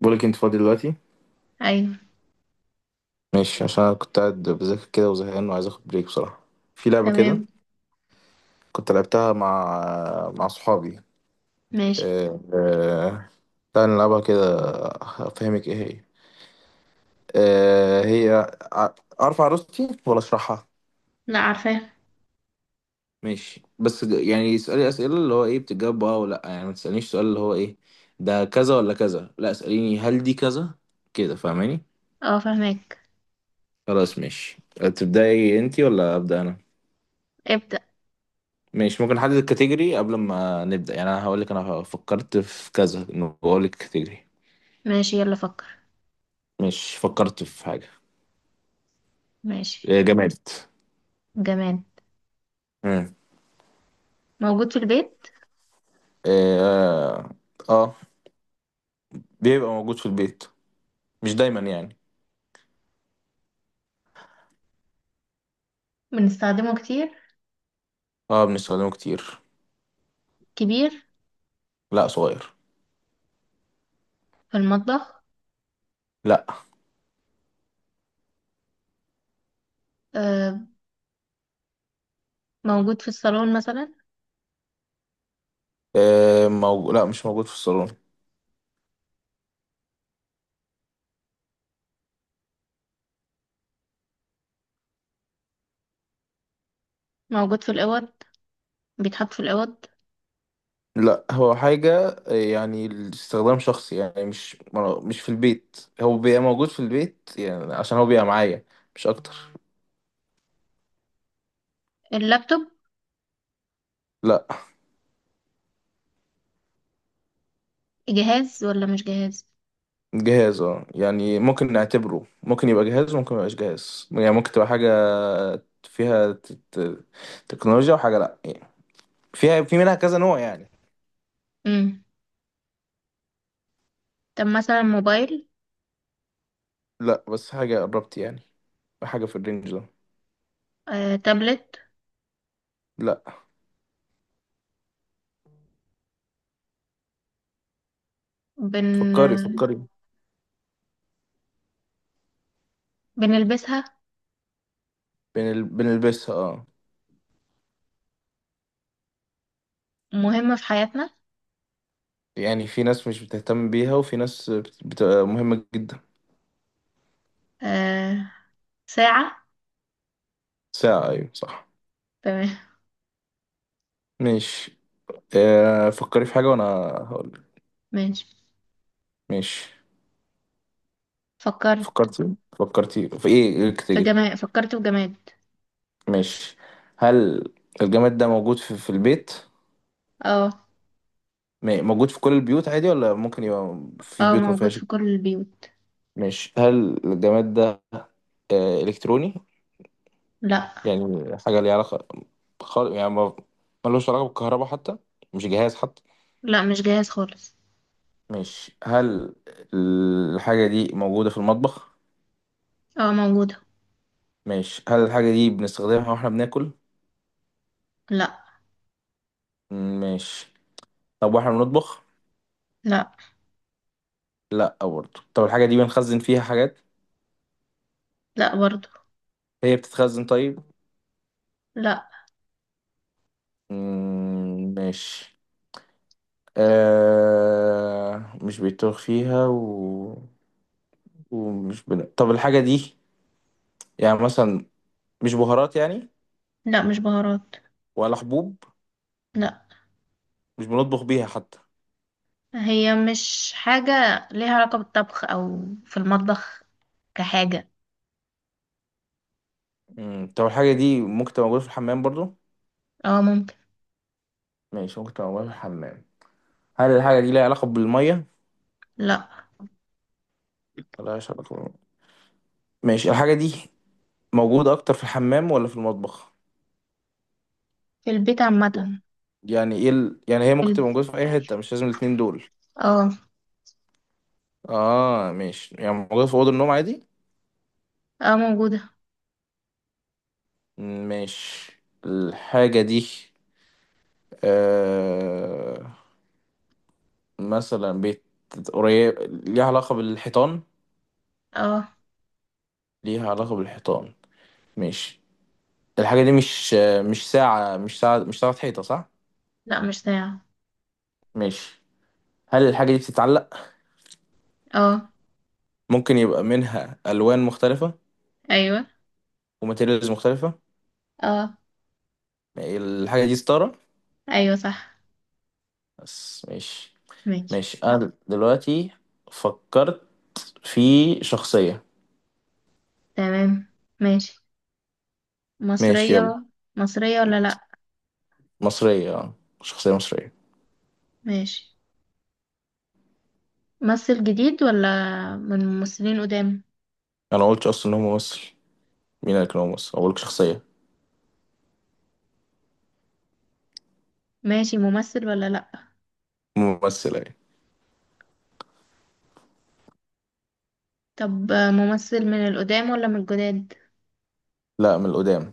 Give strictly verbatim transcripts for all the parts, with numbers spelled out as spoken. بقولك انت فاضي دلوقتي؟ ايوه. ماشي، عشان انا كنت قاعد بذاكر كده وزهقان وعايز اخد بريك بصراحة. في لعبة كده تمام. كنت لعبتها مع مع صحابي. ماشي. أه... أه... تعالى نلعبها كده. افهمك ايه هي. أه... هي، ع- اعرف عروستي ولا اشرحها؟ لا، عارفاه. ماشي، بس ج- يعني اسألي اسئلة اللي هو ايه بتجاوب اه ولا لأ. يعني ما تسألنيش سؤال اللي هو ايه ده، كذا ولا كذا. لا اسأليني هل دي كذا كده، فاهماني؟ اه، فاهمك. خلاص ماشي. تبدأي انتي ولا أبدأ انا؟ ابدأ. ماشي، ممكن نحدد الكاتيجوري قبل ما نبدأ، يعني انا هقول لك انا فكرت في كذا، انه بقول لك كاتيجوري. ماشي، يلا فكر. مش فكرت في حاجة. ماشي. إيه، جماد. جماد. مم. موجود في البيت. إيه، اه. آه، بيبقى موجود في البيت، مش دايما يعني. بنستخدمه كتير. اه بنستخدمه كتير. كبير. لا صغير. في المطبخ. لا. آه. موجود في الصالون مثلا. إيه، موجود، لا مش موجود في الصالون. موجود في الأوض. بيتحط في الأوض. لا هو حاجة إيه، يعني استخدام شخصي يعني، مش مش في البيت، هو بيبقى موجود في البيت يعني عشان هو بيبقى معايا، مش اكتر. اللابتوب. لا. جهاز ولا مش جهاز؟ جهاز اه يعني، ممكن نعتبره، ممكن يبقى جهاز وممكن ميبقاش جهاز، يعني ممكن تبقى حاجة فيها ت- ت- تكنولوجيا، وحاجة لأ يعني، فيها، في منها كذا نوع يعني. امم طب مثلا موبايل. لأ، بس حاجة قربت يعني، حاجة في الرينج ده. آه. تابلت. لأ. بن فكري فكري. بنلبسها. بنل... بنلبسها اه. مهمة في حياتنا. يعني في ناس مش بتهتم بيها، وفي ناس بت... بتبقى مهمة جدا. آه. ساعة. ساعة، أيوة صح. تمام. ماشي. آه، فكري في حاجة وأنا هقول. ماشي. ماشي. فكرت. فكرتي فكرتي في إيه، إيه الكاتيجوري؟ فجماد فكرت في جماد. مش، هل الجماد ده موجود في, في البيت؟ اه. م- موجود في كل البيوت عادي ولا ممكن يبقى في اه، بيوت ما موجود فيهاش؟ في كل البيوت. مش، هل الجماد ده آه، إلكتروني؟ لا. يعني حاجة ليها علاقة، خال... يعني ما، ملوش علاقة بالكهرباء حتى، مش جهاز حتى. لا، مش جاهز خالص. مش، هل الحاجة دي موجودة في المطبخ؟ اه، موجودة. مش، هل الحاجة دي بنستخدمها واحنا بناكل؟ لا. مش، طب واحنا بنطبخ؟ لا، لا برضه، طب الحاجة دي بنخزن فيها حاجات؟ لا برضو. هي بتتخزن طيب؟ لا. مم، ماشي. آه، مش بيتوه فيها و... ومش بن... طب الحاجة دي، يعني مثلا مش بهارات يعني، لا، مش بهارات. ولا حبوب؟ لا، مش بنطبخ بيها حتى؟ هي مش حاجة ليها علاقة بالطبخ أو في المطبخ كحاجة. مم. طب الحاجة دي ممكن تبقى موجودة في الحمام برضو؟ اه، ممكن. ماشي، ممكن تبقى موجودة في الحمام. هل الحاجة دي ليها علاقة بالمية؟ لا. ملهاش علاقة بالمية. ماشي، الحاجة دي موجودة أكتر في الحمام ولا في المطبخ؟ في البيت عامة. يعني ايه ال... يعني هي في ممكن الب- تبقى موجودة في أي حتة، مش لازم الاتنين دول. اه. اه ماشي، يعني موجودة في أوضة النوم عادي؟ اه، موجودة. مش، الحاجة دي آه، مثلا بيت قريب، ليها علاقة بالحيطان؟ اه. ليها علاقة بالحيطان. مش، الحاجة دي مش آه، مش ساعة، مش ساعة، مش ساعة حيطة صح؟ لا، مش ساعة. مش، هل الحاجة دي بتتعلق؟ اه. ممكن يبقى منها ألوان مختلفة، ايوه. وماتيريالز مختلفة. اه. الحاجة دي ستارة. ايوه صح. بس مش، ماشي. مش أنا دلوقتي فكرت في شخصية. تمام. ماشي. ماشي، يلا. مصرية. مصرية ولا لا؟ مصرية آه، شخصية مصرية. ماشي. ممثل جديد ولا من ممثلين قدام؟ انا قلت اصلا ان هو ممثل؟ مين قال لك ان هو ممثل، اقول لك شخصيه. ماشي، ممثل ولا لأ؟ ممثله يعني. طب آه، ممثل من القدام ولا من الجداد؟ لا من القدام.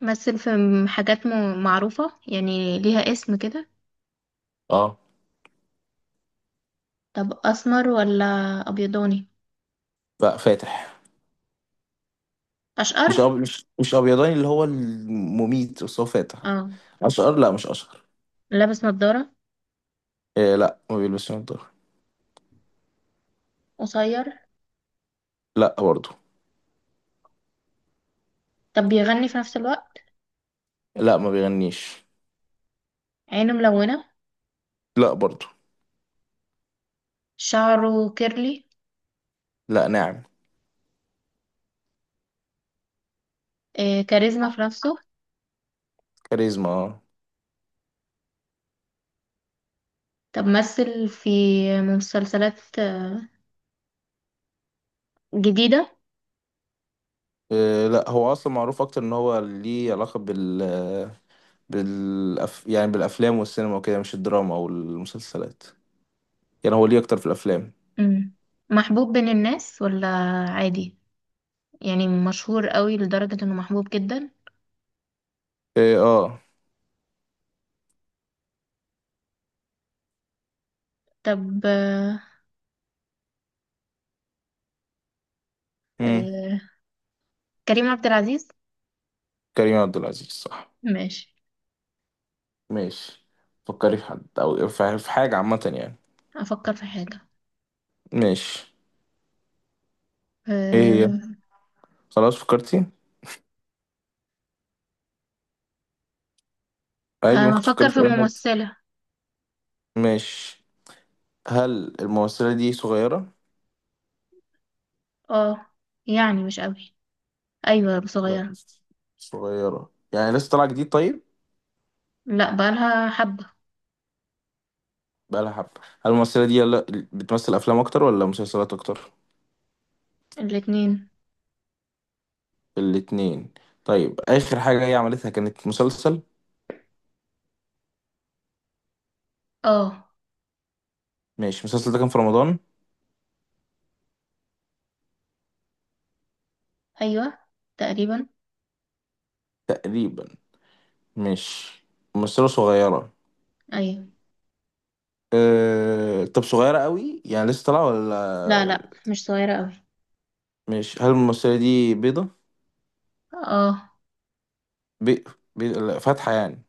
مثل في م- حاجات م- معروفة يعني، ليها اسم كده؟ اه. طب أسمر ولا أبيضاني؟ لا فاتح. مش أشقر؟ أب... مش، مش ابيضاني اللي هو المميت، بس هو فاتح. اه. اشقر لا، مش اشقر. لابس نضارة؟ إيه لا، ما بيلبسش نضاره. قصير؟ لا برضو. طب بيغني في نفس الوقت؟ لا ما بيغنيش. عينه ملونة؟ لا برضو. شعره كيرلي؟ لا، ناعم. آه، كاريزما في نفسه؟ كاريزما اه. طب مثل في مسلسلات آه، جديدة؟ إيه لا، هو اصلا معروف اكتر ان هو ليه علاقه بال، بالأف... يعني بالافلام والسينما وكده، مش الدراما او المسلسلات، يعني هو ليه اكتر في الافلام. مم. محبوب بين الناس ولا عادي؟ يعني مشهور قوي لدرجة انه محبوب جدا؟ إيه اه. طب آه، مم. آه، كريم عبد العزيز. كريم عبد العزيز صح. ماشي. ماشي. فكري في حد او في في حاجة عامة يعني. افكر في حاجة. ماشي. ايه هي؟ آه. خلاص فكرتي؟ عادي ممكن تفكري هفكر في في اي حاجة. ممثلة. ماشي. هل الممثلة دي صغيرة؟ اه، يعني مش قوي. ايوه، لا صغيرة. مش، صغيرة يعني لسه طالعة جديد طيب؟ لا، بقالها حبة. بقالها حبة. هل الممثلة دي، يلا، بتمثل أفلام أكتر ولا مسلسلات أكتر؟ الاتنين. الاتنين. طيب آخر حاجة هي عملتها كانت مسلسل؟ اه، ماشي، المسلسل ده كان في رمضان؟ ايوه، تقريبا. تقريبا. ماشي. ممثلة صغيرة. ايوه. أه... طب صغيرة قوي يعني لسه طالعة لا، ولا؟ لا مش صغيرة قوي. مش، هل الممثلة دي بيضة؟ اه. بي... بي... لا، فاتحة يعني.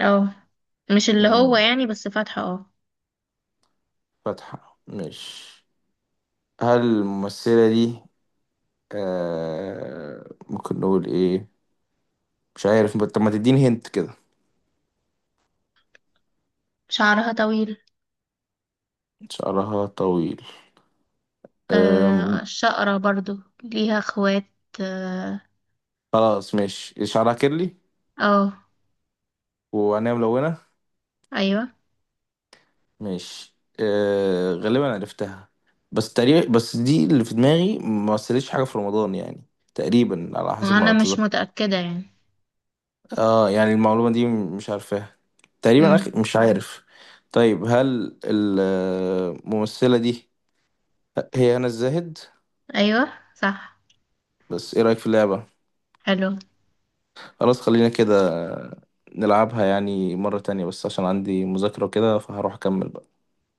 اه، مش اللي هو مم. يعني، بس فاتحة اه. فاتحة مش، هل الممثلة دي أه... ممكن نقول ايه، مش عارف؟ طب ما تديني هنت كده. شعرها طويل. شعرها طويل. أم... آه، شقرة برضو. ليها اخوات؟ اه. خلاص. مش شعرها كيرلي؟ آه. وعينيها ملونة؟ ايوه. مش، أه... غالبا عرفتها، بس تقريبا، بس دي اللي في دماغي ما مثلتش حاجة في رمضان يعني، تقريبا على حسب ما ما انا مش أتذكر. متأكدة يعني. اه يعني المعلومة دي مش عارفاها. تقريبا أخ... امم مش عارف. طيب هل الممثلة دي هي هنا الزاهد؟ ايوه صح. بس ايه رأيك في اللعبة؟ حلو. خلاص، خلينا كده، نلعبها يعني مرة تانية، بس عشان عندي مذاكرة وكده فهروح أكمل بقى.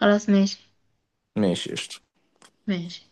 خلاص ماشي. ماشي قشطة. ماشي.